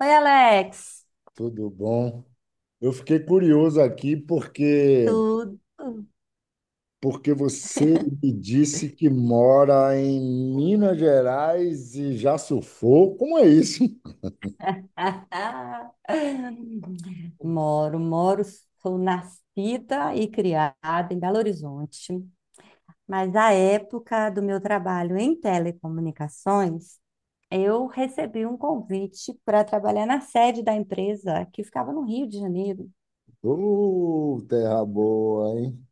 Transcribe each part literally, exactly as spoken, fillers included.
Oi, Alex. Tudo bom? Eu fiquei curioso aqui porque Tudo? porque você me disse que mora em Minas Gerais e já surfou. Como é isso? Moro, moro, sou nascida e criada em Belo Horizonte, mas à época do meu trabalho em telecomunicações, eu recebi um convite para trabalhar na sede da empresa que ficava no Rio de Janeiro. Ô, terra boa, hein?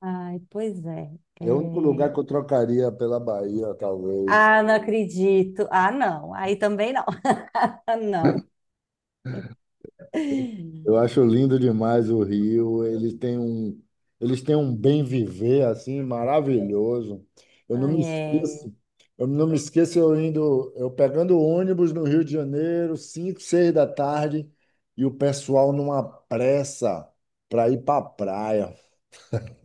Ai, pois é. É o único É. lugar que eu trocaria pela Bahia, talvez. Ah, não acredito. Ah, não. Aí também não. Não. Eu acho lindo demais o Rio. Ele tem um, eles têm um bem viver assim maravilhoso. Eu não me É. esqueço. Eu não me esqueço eu indo, eu pegando ônibus no Rio de Janeiro, cinco, seis da tarde, e o pessoal numa pressa para ir para a praia.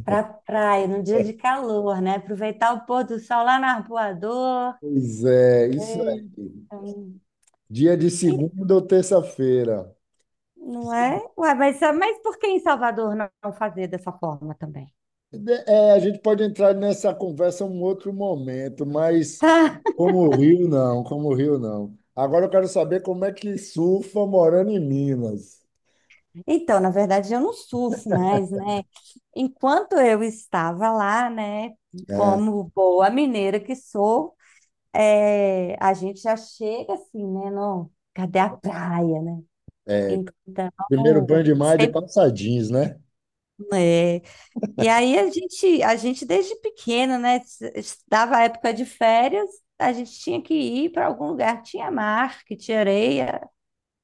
Pra praia, num dia de calor, né? Aproveitar o pôr do sol lá na Arpoador. Pois é, isso aí. Eita. Dia de E- segunda ou terça-feira. Não é? Ué, mas, é, mas por que em Salvador não não fazer dessa forma também? De- É, a gente pode entrar nessa conversa em um outro momento, mas como o Rio, não, como o Rio, não. Agora eu quero saber como é que surfa morando em Minas. Tá. Então, na verdade, eu não surfo mais, né? Enquanto eu estava lá, né, É, como boa mineira que sou, é, a gente já chega assim, né? Não, cadê a praia, né? primeiro banho Então, de mar é de sempre, calça jeans, né? né, e aí a gente, a gente desde pequeno, né? s- s- Dava época de férias, a gente tinha que ir para algum lugar que tinha mar, que tinha areia.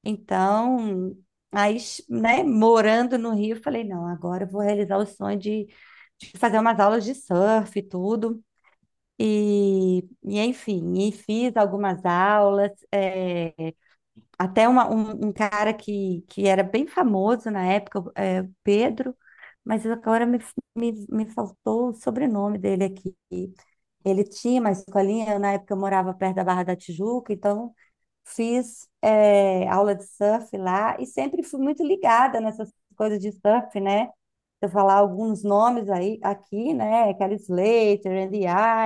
Então, aí, s- né, morando no Rio, eu falei, não, agora eu vou realizar o sonho de, de fazer umas aulas de surf e tudo. E, e enfim, e fiz algumas aulas. Eh, até uma- um, um cara que, que era bem famoso na época, é, Pedro, mas agora me, me, me faltou o sobrenome dele aqui. Ele tinha uma escolinha, eu, na época eu morava perto da Barra da Tijuca, então fiz é, aula de surf lá e sempre fui muito ligada nessas coisas de surf, né? Se eu falar alguns nomes aí aqui, né? Kelly Slater, Andy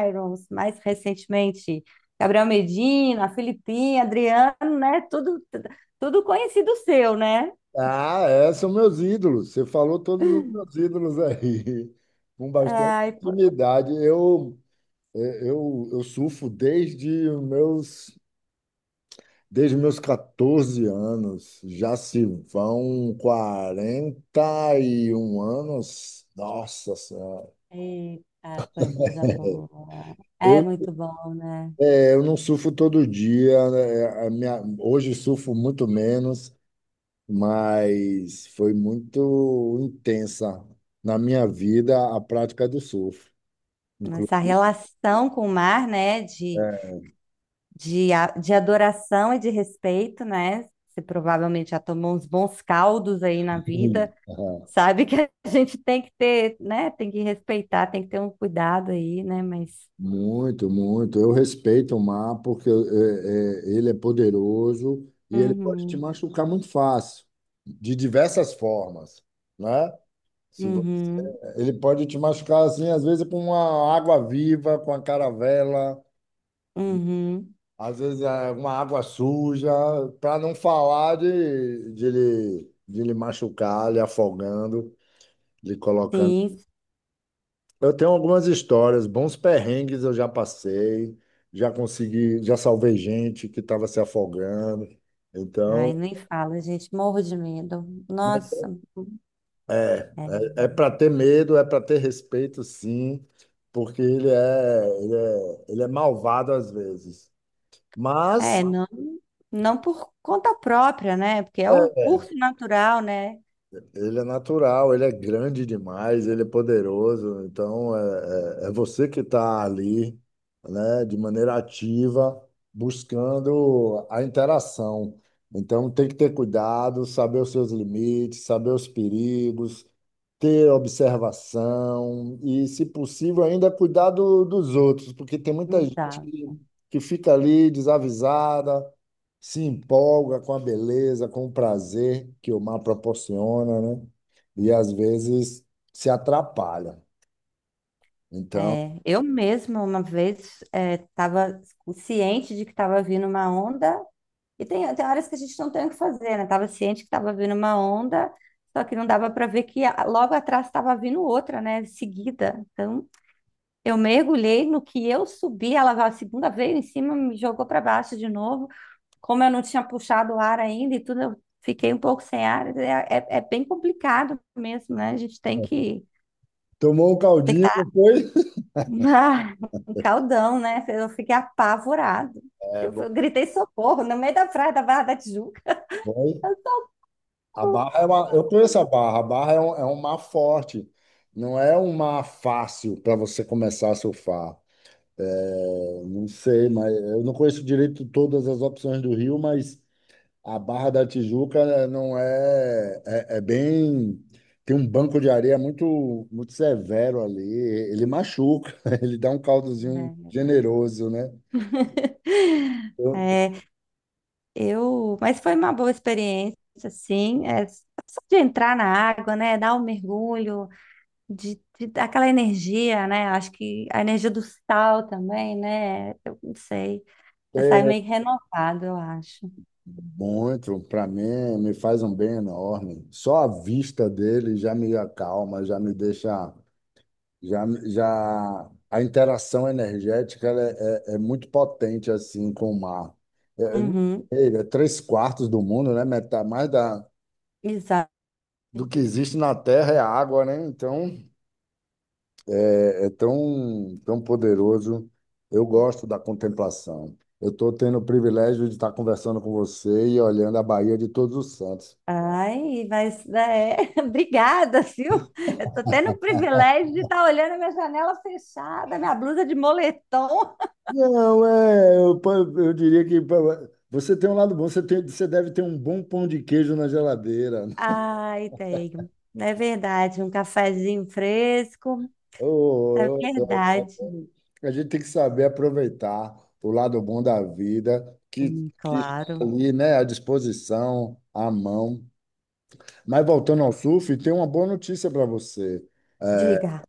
Irons, mais recentemente Gabriel Medina, Filipinha, Adriano, né? Tudo, tudo conhecido seu, né? Ah, é, são meus ídolos. Você falou todos os meus ídolos aí, com bastante Ai, pô- intimidade. Eu, eu, eu surfo desde os meus Desde meus quatorze anos, já se vão quarenta e um anos. Nossa Senhora. Eita, coisa boa. É Eu, muito bom, né? é, eu não surfo todo dia, né? É, A minha- hoje surfo muito menos, mas foi muito intensa na minha vida a prática do surf. Essa Inclusive, relação com o mar, né? De de, a- de adoração e de respeito, né? Você provavelmente já tomou uns bons caldos aí na vida, sabe que a gente tem que ter, né? Tem que respeitar, tem que ter um cuidado aí, né? Mas. muito, muito. Eu respeito o mar porque é, é, ele é poderoso e ele pode te Uhum, machucar muito fácil, de diversas formas, né? Se, vo- uhum, ele pode te machucar assim, às vezes com uma água viva, com a caravela, uhum, às vezes é, uma água suja, para não falar de, de, lhe, de lhe machucar, lhe afogando, lhe colocando. sim. Eu tenho algumas histórias, bons perrengues eu já passei, já consegui, já salvei gente que estava se afogando. Ai, Então, nem fala, gente, morro de medo. Nossa, é, é, é, para ter medo, é para ter respeito, sim, porque ele é, ele é, ele é malvado às vezes. Mas é, não, não por conta própria, né? Porque é o é, curso natural, né? Ele é natural, ele é grande demais, ele é poderoso. Então, é, é, é você que está ali, né, de maneira ativa, buscando a interação. Então, tem que ter cuidado, saber os seus limites, saber os perigos, ter observação e, se possível, ainda cuidar do- dos outros, porque tem muita gente Exato. que que fica ali desavisada se empolga com a beleza, com o prazer que o mar proporciona, né? E às vezes se atrapalha. Então, É, eu mesma uma vez estava ciente de que estava vindo uma onda, e tem, tem horas que a gente não tem o que fazer, né? Estava ciente que estava vindo uma onda, só que não dava para ver que a- logo atrás estava vindo outra, né? Seguida. Então, eu mergulhei no que eu subi, ela veio a segunda vez em cima, me jogou para baixo de novo. Como eu não tinha puxado o ar ainda e tudo, eu fiquei um pouco sem ar. É, é, é bem complicado mesmo, né? A gente tem que. tomou um Tem caldinho que depois? ah, um caldão, né? Eu fiquei apavorado. É Eu, bom. eu gritei socorro no meio da praia da Barra da Tijuca. Vai. A Barra é uma, eu conheço a Barra. A Barra é um, é um mar forte. Não é um mar fácil para você começar a surfar. É, não sei, mas eu não conheço direito todas as opções do Rio, mas a Barra da Tijuca não é, é, é bem. Tem um banco de areia muito, muito severo ali. Ele machuca, ele dá um caldozinho generoso, né? Eu É. É, eu, mas foi uma boa experiência, assim, é, só de entrar na água, né, dar um mergulho, de, de dar aquela energia, né, acho que a energia do sal também, né, eu não sei, você sai tenho meio renovado, eu acho. muito, para mim, me faz um bem enorme. Só a vista dele já me acalma, já me deixa. Já, já... A interação energética ela é, é, é muito potente assim com o mar. Uhum, É, é, é três quartos do mundo, né? Metade, mais da, exato. do que existe na Terra é água, né? Então, é, é tão, tão poderoso. Eu gosto da contemplação. Eu estou tendo o privilégio de estar conversando com você e olhando a Bahia de Todos os Santos. Ai, mas é, obrigada, viu? Eu tô tendo o privilégio de estar olhando a minha janela fechada, minha blusa de moletom. Não, é, eu, pa- eu diria que pa- você tem um lado bom, você tem, você deve ter um bom pão de queijo na geladeira. Ai, tenho. É verdade, um cafezinho fresco. É Oh, eu adoro. verdade. A gente tem que saber aproveitar o lado bom da vida, que, Hum, que está claro. ali, né, à disposição, à mão. Mas voltando ao surf, tem uma boa notícia para você. É, Diga.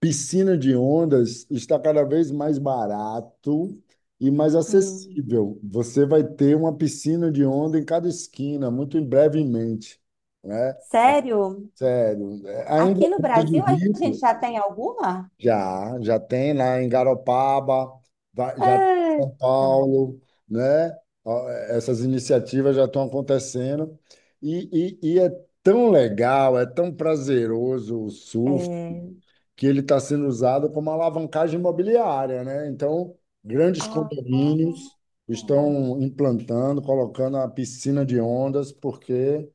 Piscina de ondas está cada vez mais barato e mais Hum, acessível. Você vai ter uma piscina de onda em cada esquina, muito em brevemente, né? sério? Sério, é- ainda Aqui no é coisa de Brasil a gente rico. já tem alguma? Já, já tem lá em Garopaba, vai- já tem em Ah, São tá. Paulo, né? Ó, essas iniciativas já estão acontecendo e, e, e é tão legal, é tão prazeroso o surf É, que ele está sendo usado como alavancagem imobiliária, né? Então, grandes ah, ah. condomínios Ah. estão implantando, colocando a piscina de ondas, porque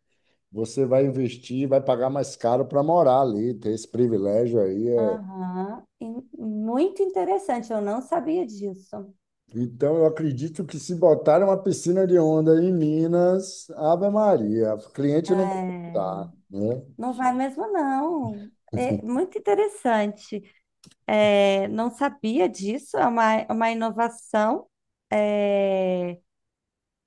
você vai investir, vai pagar mais caro para morar ali, ter esse privilégio aí é. Aham, e muito interessante, eu não sabia disso. Então, eu acredito que se botarem uma piscina de onda em Minas, Ave Maria, o cliente não vai É, faltar, né? não vai mesmo, não. É muito interessante. É, não sabia disso, é uma, é uma inovação. É,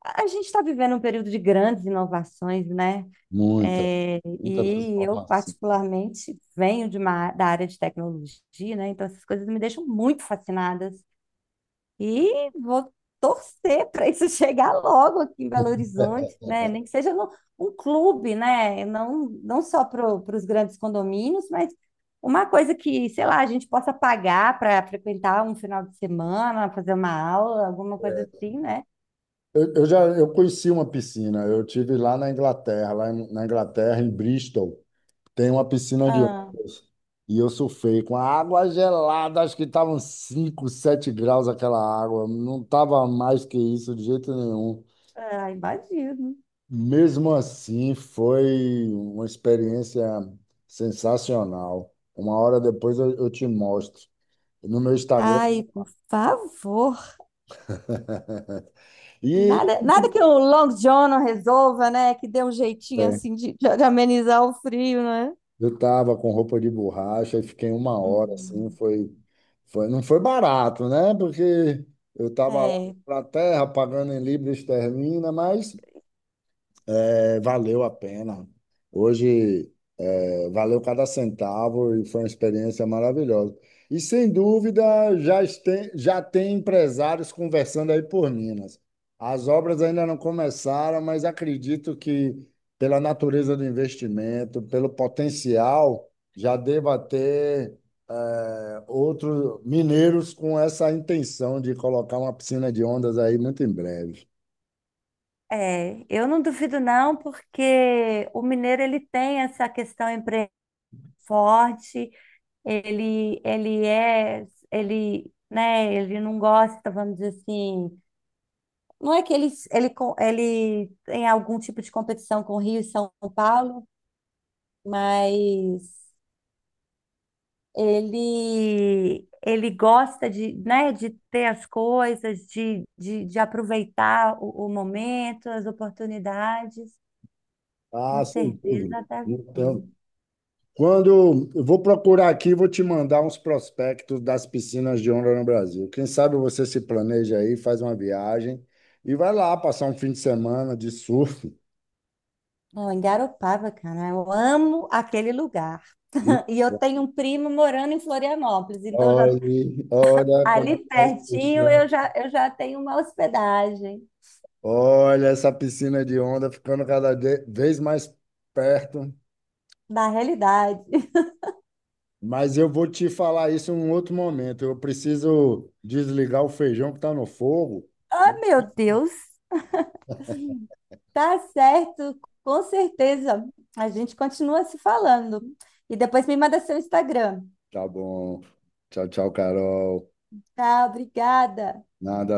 a gente está vivendo um período de grandes inovações, né? Muita, É, muita e eu, transformação. particularmente, venho de uma, da área de tecnologia, né? Então, essas coisas me deixam muito fascinada. E vou torcer para isso chegar logo aqui em Belo Horizonte, né? Nem que seja no, um clube, né? Não, não só para os grandes condomínios, mas uma coisa que, sei lá, a gente possa pagar para frequentar um final de semana, fazer uma aula, alguma coisa assim, né? Eu, eu já eu conheci uma piscina, eu tive lá na Inglaterra, lá em- na Inglaterra, em Bristol, tem uma piscina de Ah, ondas. E eu surfei com a água gelada, acho que estavam cinco, sete graus aquela água, não estava mais que isso de jeito nenhum. ah, imagino. Mesmo assim, foi uma experiência sensacional. Uma hora depois eu, eu te mostro no meu Instagram. Ai, por favor. E Nada, nada que o Long John não resolva, né? Que dê um jeitinho é, assim de, de amenizar o frio, né? eu tava com roupa de borracha e fiquei uma hora assim, Uhum. foi, foi, não foi barato, né? Porque eu tava lá É. na terra pagando em libra esterlina, mas é, valeu a pena. Hoje valeu cada centavo e foi uma experiência maravilhosa. E sem dúvida já tem, já tem empresários conversando aí por Minas. As obras ainda não começaram, mas acredito que pela natureza do investimento, pelo potencial, já deva ter eh, outros mineiros com essa intenção de colocar uma piscina de ondas aí muito em breve. É, eu não duvido não, porque o mineiro ele tem essa questão empre forte, ele ele é ele, né, ele não gosta, vamos dizer assim, não é que ele ele co- ele tem algum tipo de competição com Rio e São Paulo, mas ele ele gosta de, né, de ter as coisas, de, de, de aproveitar o, o momento, as oportunidades. Com Ah, sem dúvida. certeza deve Não ter. tenho. Quando eu vou procurar aqui, vou te mandar uns prospectos das piscinas de onda no Brasil. Quem sabe você se planeja aí, faz uma viagem e vai lá passar um fim de semana de surf. Não, em Garopaba, cara, eu amo aquele lugar. E E eu tenho um primo morando em Florianópolis, então já olhe, olha, como ali tá se pertinho puxando. eu já, eu já tenho uma hospedagem Olha essa piscina de onda ficando cada de- vez mais perto. na realidade. Mas eu vou te falar isso em um outro momento. Eu preciso desligar o feijão que está no fogo. Ah, meu Deus, tá certo, com certeza. A gente continua se falando. E depois me manda seu Instagram. Tá bom. Tchau, tchau, Carol. Tá, obrigada. Nada.